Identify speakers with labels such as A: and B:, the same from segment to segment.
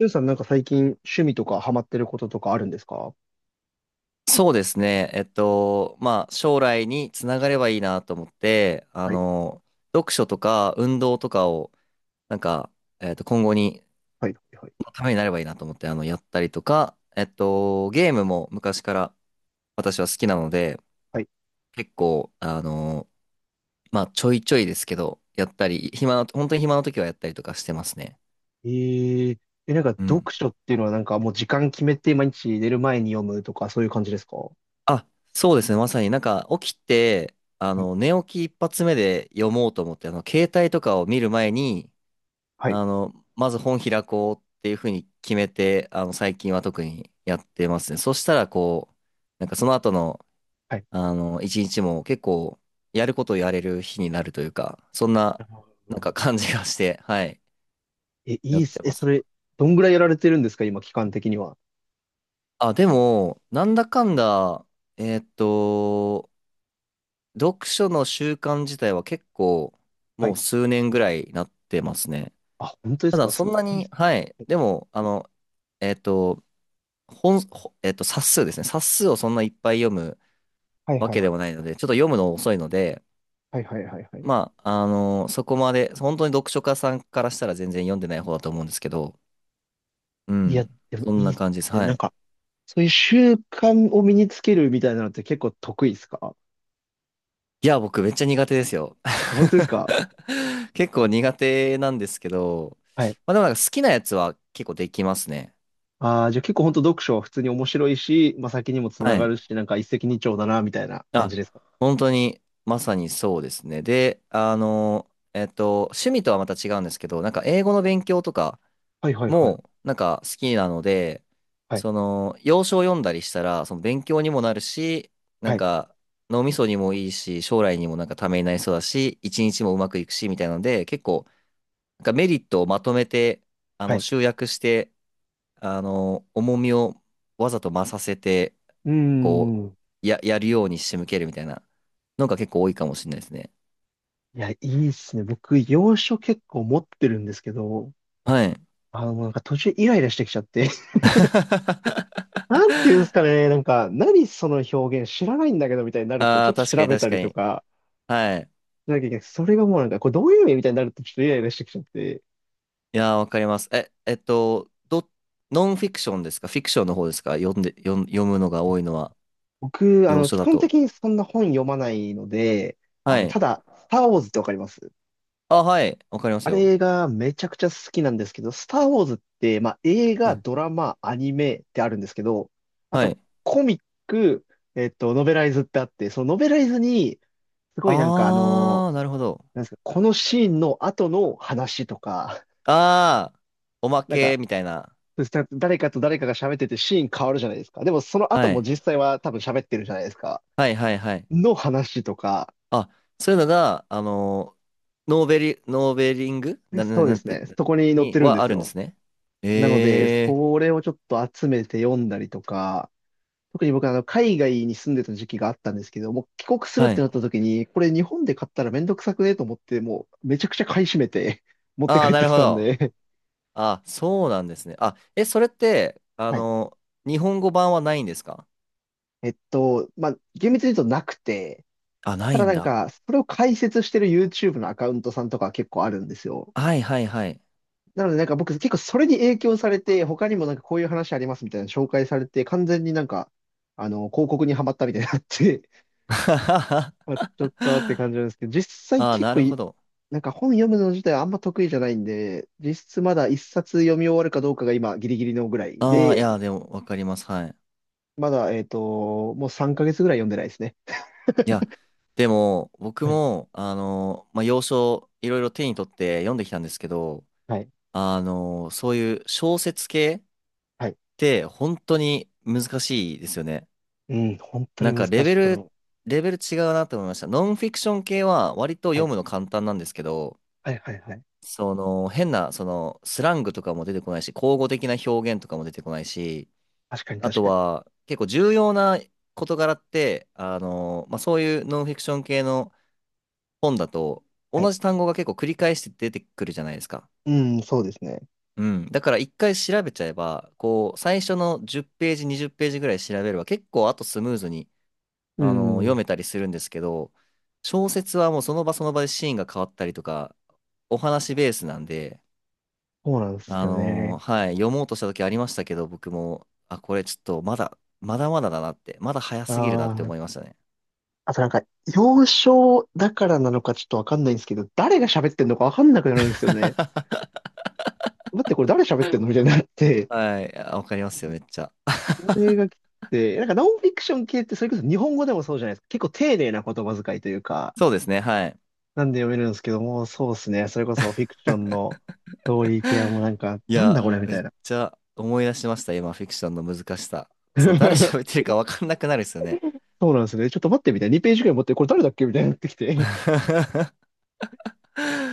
A: ゆうさんなんか最近趣味とかハマってることとかあるんですか？
B: そうですね。まあ、将来につながればいいなと思って、
A: はい、
B: 読書とか運動とかを、なんか、今後に、
A: はい、はい、
B: のためになればいいなと思って、やったりとか、ゲームも昔から私は好きなので、
A: はい。
B: 結構、まあ、ちょいちょいですけど、やったり、本当に暇な時はやったりとかしてますね。
A: えー、え、なんか
B: うん。
A: 読書っていうのはなんかもう時間決めて毎日寝る前に読むとかそういう感じですか？は
B: あ、そうですね。まさになんか起きて、
A: い、
B: 寝起き一発目で読もうと思って、携帯とかを見る前に、
A: はい、
B: まず本開こうっていうふうに決めて、最近は特にやってますね。そしたら、こう、なんかその後の、
A: はい。
B: 一日も結構、やることをやれる日になるというか、そんな、
A: なるほ
B: なんか
A: ど。
B: 感じがして、はい、
A: え、
B: や
A: いい
B: っ
A: っす。
B: て
A: え、
B: ま
A: そ
B: す。
A: れ、どんぐらいやられてるんですか今、期間的には。
B: あ、でも、なんだかんだ、えーっと、読書の習慣自体は結構
A: は
B: も
A: い。
B: う数年ぐらいなってますね。
A: あ、本当で
B: た
A: す
B: だ
A: か？
B: そ
A: す
B: んな
A: ごいっ
B: に、
A: す
B: はい。
A: ね。
B: でも、あの、えっと、本、ほえっと、冊数ですね。冊数をそんないっぱい読む
A: はい、
B: わ
A: はい、
B: けで
A: は
B: もないので、ちょっと読むの遅いので、
A: い、はい、はい、はい。
B: まあ、そこまで、本当に読書家さんからしたら全然読んでない方だと思うんですけど、う
A: いや、
B: ん。
A: でも
B: そん
A: いいっ
B: な
A: す
B: 感じです。
A: ね。
B: は
A: なん
B: い。
A: か、そういう習慣を身につけるみたいなのって結構得意っすか？
B: いや、僕めっちゃ苦手ですよ。
A: 本当ですか？
B: 結構苦手なんですけど、
A: はい。
B: まあでもなんか好きなやつは結構できますね。
A: ああ、じゃあ結構本当読書は普通に面白いし、まあ、先にもつ
B: は
A: なが
B: い。
A: るし、なんか一石二鳥だな、みたいな感
B: あ、
A: じですか。
B: 本当に、まさにそうですね。で、趣味とはまた違うんですけど、なんか英語の勉強とか
A: はい、はい、は
B: も、
A: い。
B: なんか好きなので、
A: はい、
B: その、洋書を読んだりしたら、その勉強にもなるし、な
A: は
B: ん
A: い、
B: か、脳みそにもいいし、将来にもなんかためになりそうだし、一日もうまくいくし、みたいなので、結構、なんかメリットをまとめて、
A: はい。
B: 集約して、重みをわざと増させて、
A: うー
B: こ
A: ん。
B: う、やるように仕向けるみたいな。のが結構多いかもしれないですね。
A: いや、いいっすね。僕、洋書結構持ってるんですけど、
B: はい。
A: もうなんか途中イライラしてきちゃって、なんていうんです かね、なんか、何その表現知らないんだけど、みたいになると、ち
B: あ
A: ょっ
B: あ、
A: と
B: 確か
A: 調
B: に
A: べた
B: 確か
A: りと
B: に。
A: か、
B: はい。
A: しなきゃいけない。それがもうなんか、これどういう意味みたいになると、ちょっとイライラしてきちゃって、
B: いやー、わかります。え、ノンフィクションですか？フィクションの方ですか？読んで、読ん、読むのが多いのは、
A: 僕、
B: 洋書
A: 基
B: だ
A: 本
B: と。
A: 的にそんな本読まないので、
B: は
A: た
B: い。
A: だ、スター・ウォーズってわかります？
B: あ、はい。わかります
A: あ
B: よ。
A: れがめちゃくちゃ好きなんですけど、スター・ウォーズって、まあ、映
B: は
A: 画、
B: い。
A: ドラマ、アニメってあるんですけど、あ
B: は
A: と
B: い。
A: コミック、ノベライズってあって、そのノベライズに、すごいなんか
B: あー、なるほど。
A: なんですか、このシーンの後の話とか、
B: あー、おま
A: なんか、
B: けみたいな。
A: 誰かと誰かが喋っててシーン変わるじゃないですか。でもその後
B: は
A: も
B: い。
A: 実際は多分喋ってるじゃないですか。
B: はいはいはい。
A: の話とか、
B: あ、そういうのが、ノーベリングな、
A: そうで
B: なん
A: す
B: て、
A: ね、そこに載っ
B: に
A: てるんで
B: はあ
A: す
B: るんで
A: よ。
B: すね。
A: なので、
B: ええ
A: それをちょっと集めて読んだりとか、特に僕は海外に住んでた時期があったんですけど、もう帰国するっ
B: は
A: て
B: い。
A: なった時に、これ日本で買ったらめんどくさくねと思って、もうめちゃくちゃ買い占めて 持って
B: ああ、
A: 帰っ
B: な
A: て
B: る
A: き
B: ほ
A: たん
B: ど。
A: で。
B: あ、そうなんですね。あ、え、それって、
A: はい。
B: 日本語版はないんですか？
A: まあ、厳密に言うとなくて、
B: あ、な
A: た
B: い
A: だ
B: ん
A: なん
B: だ。
A: か、それを解説してる YouTube のアカウントさんとかは結構あるんですよ。
B: はいはいはい。
A: なのでなんか僕結構それに影響されて、他にもなんかこういう話ありますみたいな紹介されて、完全になんか、広告にはまったみたいになって、
B: あ
A: あ、ちょっとって感じなんですけど、実際
B: あ、
A: 結
B: な
A: 構
B: るほ
A: い、
B: ど。
A: なんか本読むの自体はあんま得意じゃないんで、実質まだ一冊読み終わるかどうかが今ギリギリのぐらい
B: ああ、い
A: で、
B: や、でも、わかります。はい。
A: まだ、もう3ヶ月ぐらい読んでないですね。
B: いや、でも、僕
A: はい、
B: も、まあ、洋書、いろいろ手に取って読んできたんですけど、
A: はい、
B: そういう小説系っ
A: はい。
B: て本当に難しいですよね。
A: うん、本当に
B: なん
A: 難
B: か
A: しいと思う。
B: レベル違うなって思いました。ノンフィクション系は割と
A: は
B: 読
A: い、
B: むの簡単なんですけど、
A: はい、はい、はい。
B: その変な、そのスラングとかも出てこないし、口語的な表現とかも出てこないし、
A: 確かに、
B: あ
A: 確
B: と
A: かに。
B: は結構重要な事柄って、まあ、そういうノンフィクション系の本だと
A: は
B: 同
A: い。
B: じ単語が結構繰り返して出てくるじゃないですか。
A: うん、そうですね。
B: うん。だから一回調べちゃえば、こう、最初の10ページ、20ページぐらい調べれば、結構あとスムーズに、
A: う
B: 読
A: ん、
B: めたりするんですけど、小説はもうその場その場でシーンが変わったりとか、お話ベースなんで、
A: そうなんですよね。
B: はい、読もうとした時ありましたけど、僕も、あ、これちょっとまだまだだなって、まだ早
A: あ
B: すぎるなって
A: あ、
B: 思いましたね。
A: あとなんか、幼少だからなのかちょっとわかんないんですけど、誰が喋ってんのかわかんなくなるんですよね。待って、これ誰喋ってんのみたいになって、
B: はい、あわかりますよ、めっちゃ。
A: これがきつくて、なんかノンフィクション系ってそれこそ日本語でもそうじゃないですか。結構丁寧な言葉遣いというか、
B: そうですね、はい。
A: なんで読めるんですけども、そうですね。それこそフィクションのストーリー系はもうなんか、
B: い
A: なんだこ
B: や、
A: れみ
B: め
A: た
B: っ
A: いな。
B: ちゃ思い出しました、今、フィクションの難しさ。そう、誰喋っ てるか分かんなくなるですよね。
A: そうなんですね。ちょっと待ってみたいな。2ページくらい持って、これ誰だっけみたいになってきて。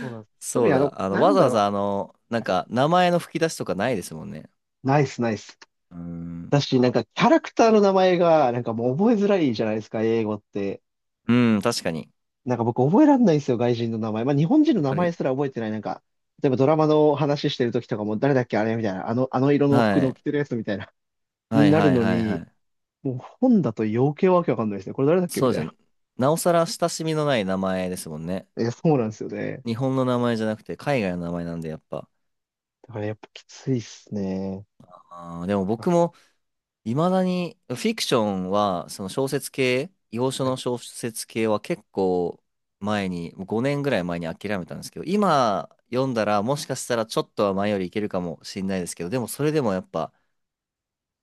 A: そうなんです。特
B: そ
A: に
B: うだ、
A: な
B: わ
A: ん
B: ざ
A: だ
B: わ
A: ろ
B: ざ、なん
A: う。はい。
B: か、名前の吹き出しとかないですもんね。
A: ナイスナイス。
B: うん、
A: だし、なんかキャラクターの名前が、なんかもう覚えづらいじゃないですか、英語って。
B: うん、確かに。
A: なんか僕覚えらんないんですよ、外人の名前。まあ日本人の
B: やっ
A: 名
B: ぱ
A: 前
B: り、
A: すら覚えてない。なんか、例えばドラマの話してる時とかも誰だっけあれみたいな。あの色の服
B: は
A: の
B: い、
A: 着てるやつみたいな。
B: は
A: に
B: い、
A: なる
B: はい、
A: の
B: はい、は
A: に、
B: い。
A: もう本だと余計わけわかんないですね。これ誰だっけ
B: そ
A: み
B: うで
A: た
B: す
A: い
B: よ
A: な。
B: ね。なおさら親しみのない名前ですもんね。
A: え、そうなんですよね。
B: 日本の名前じゃなくて、海外の名前なんで、やっぱ。
A: だからやっぱきついっすね。
B: あー、でも僕
A: あ、
B: も、いまだに、フィクションは、その小説系、洋書
A: はい、
B: の小説系は結構前に、もう5年ぐらい前に諦めたんですけど、今読んだらもしかしたらちょっとは前よりいけるかもしれないですけど、でもそれでもやっぱ、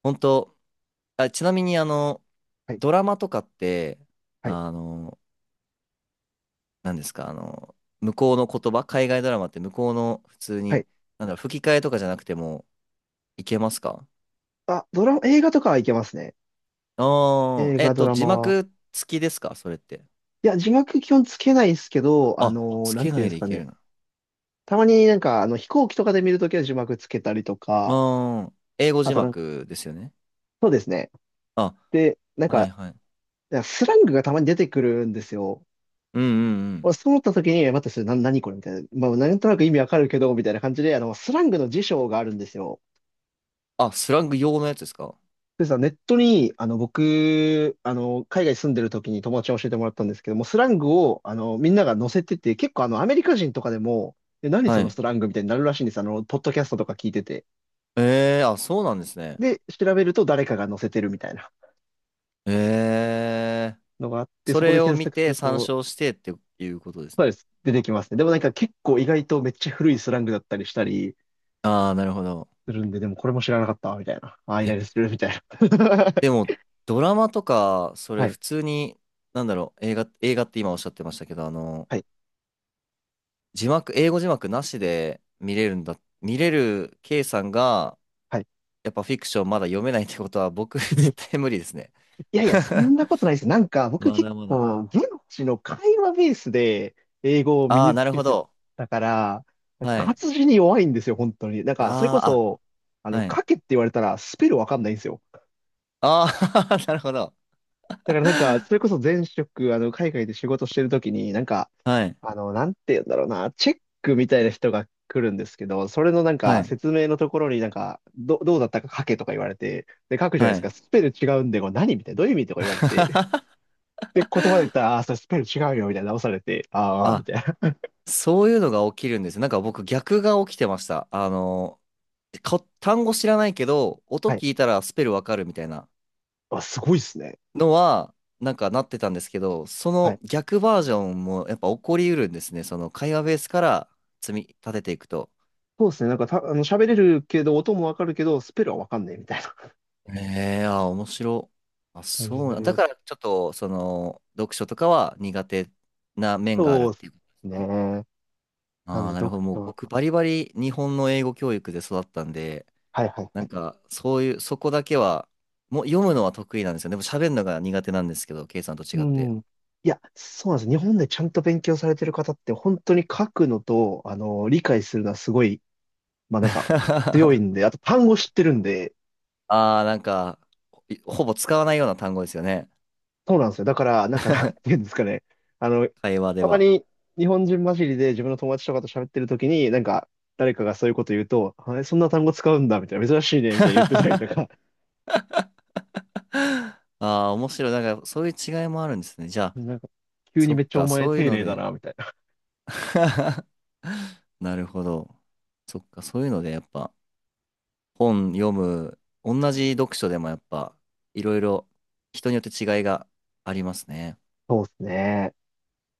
B: 本当、あ、ちなみに
A: はい、
B: ドラマとかって、
A: はい、
B: あの、何ですか、向こうの言葉、海外ドラマって向こうの普通
A: は
B: に、
A: い。
B: なんだろう、吹き替えとかじゃなくてもいけますか？
A: あ、ドラマ、映画とかはいけますね。
B: ああ
A: 映
B: ー、
A: 画、ドラ
B: 字
A: マは。
B: 幕付きですか？それって。
A: いや、字幕基本つけないですけど、
B: あ、つ
A: なん
B: け
A: てい
B: な
A: うん
B: い
A: です
B: でい
A: か
B: け
A: ね。
B: るな。
A: たまになんか、飛行機とかで見るときは字幕つけたりとか、
B: ああ、英語
A: あ
B: 字
A: となんか、
B: 幕ですよね。
A: そうですね。
B: あ、
A: で、なん
B: はい
A: か、
B: はい。
A: スラングがたまに出てくるんですよ。
B: うんうんう
A: 俺、
B: ん。
A: そう思った時に、え待って、それ、何これみたいな。まあ、なんとなく意味わかるけど、みたいな感じで、スラングの辞書があるんですよ。
B: あ、スラング用のやつですか？
A: でさ、ネットに、僕、海外住んでる時に友達に教えてもらったんですけども、スラングを、みんなが載せてて、結構、アメリカ人とかでも、え、何そ
B: は
A: の
B: い。
A: スラングみたいになるらしいんです。ポッドキャストとか聞いてて。
B: ええー、あ、そうなんですね。
A: で、調べると誰かが載せてるみたいな
B: ええー。
A: のがあって、
B: そ
A: そこ
B: れ
A: で
B: を
A: 検
B: 見
A: 索す
B: て
A: る
B: 参
A: と、
B: 照してっていうことです
A: そ
B: ね。
A: うです。出てきますね。でもなんか結構意外とめっちゃ古いスラングだったりしたり
B: ああ、なるほど。
A: するんで、でもこれも知らなかった、みたいな。ああ、イライラす
B: え、
A: る、みたいな。
B: で も、ドラマとか、そ
A: は
B: れ
A: い、
B: 普通に、なんだろう、映画って今おっしゃってましたけど、
A: はい、
B: 字幕、英語字幕なしで見れるんだ、見れる K さんが、
A: はい。
B: やっぱフィクションまだ読めないってことは僕 絶 対無理ですね。
A: いやいや、そん なことないです。なんか僕
B: ま
A: 結
B: だまだ。
A: 構、現地の会話ベースで英語を身
B: ああ、
A: に
B: な
A: つ
B: る
A: け
B: ほ
A: て
B: ど。
A: たから、
B: はい。
A: 活字に弱いんですよ、本当に。なんか、それ
B: あ
A: こ
B: あ、
A: そ、
B: あ、はい。
A: 書けって言われたらスペルわかんないんですよ。
B: ああ、なるほど。
A: だからなんか、それこそ前職、海外で仕事してるときに、なんか、
B: はい。
A: なんて言うんだろうな、チェックみたいな人が来るんですけど、それのなん
B: は
A: か、
B: い。
A: 説明のところになんか、どうだったか書けとか言われて、で、書くじゃないで
B: は
A: すか、
B: い。
A: スペル違うんで、これ何みたいな、どういう意味とか言われて、で、言葉で言ったら、ああー、それスペル違うよ、みたいな直されて、ああみ
B: あ、
A: たいな。
B: そういうのが起きるんですよ。なんか僕逆が起きてました。単語知らないけど、音
A: はい。
B: 聞いたらスペルわかるみたいな
A: あ、すごいっすね。
B: のは、なんかなってたんですけど、そ
A: はい。
B: の逆バージョンもやっぱ起こりうるんですね。その会話ベースから積み立てていくと。
A: そうですね。なんかた、あの、喋れるけど、音もわかるけど、スペルはわかんないみたいな
B: ええああ、面白。あ、
A: 感じに
B: そう
A: な
B: な。
A: り
B: だ
A: ま
B: か
A: す。
B: ら、ちょっと、その、読書とかは苦手な面がある
A: そ
B: っ
A: うで
B: て
A: す
B: いうことですね。
A: ね。なん
B: ああ、
A: で、
B: なる
A: 読
B: ほど。もう
A: 書は、
B: 僕、バリバリ日本の英語教育で育ったんで、
A: はい、はい、
B: な
A: は
B: ん
A: い。
B: か、そういう、そこだけは、もう読むのは得意なんですよ。でも、喋るのが苦手なんですけど、ケイさんと
A: う
B: 違って。
A: ん。いや、そうなんです。日本でちゃんと勉強されてる方って本当に書くのと、理解するのはすごい、まあなんか強い んで、あと単語知ってるんで、
B: ああ、なんか、ほほぼ使わないような単語ですよね。
A: そうなんですよ。だから、なんかなんていうんですかね。あの、
B: 会話で
A: たま
B: は。
A: に日本人混じりで自分の友達とかと喋ってる時に、なんか誰かがそういうこと言うと、あそんな単語使うんだ、みたいな、珍しいね、みたいな言ってたりと か、
B: ああ、面白い。なんか、そういう違いもあるんですね。じゃあ、
A: なんか急
B: そ
A: に
B: っ
A: めっちゃ
B: か、
A: お前
B: そういう
A: 丁
B: の
A: 寧だ
B: で。
A: な、みたいな。
B: なるほど。そっか、そういうのでやっぱ本読む、同じ読書でもやっぱいろいろ人によって違いがありますね。
A: そうですね。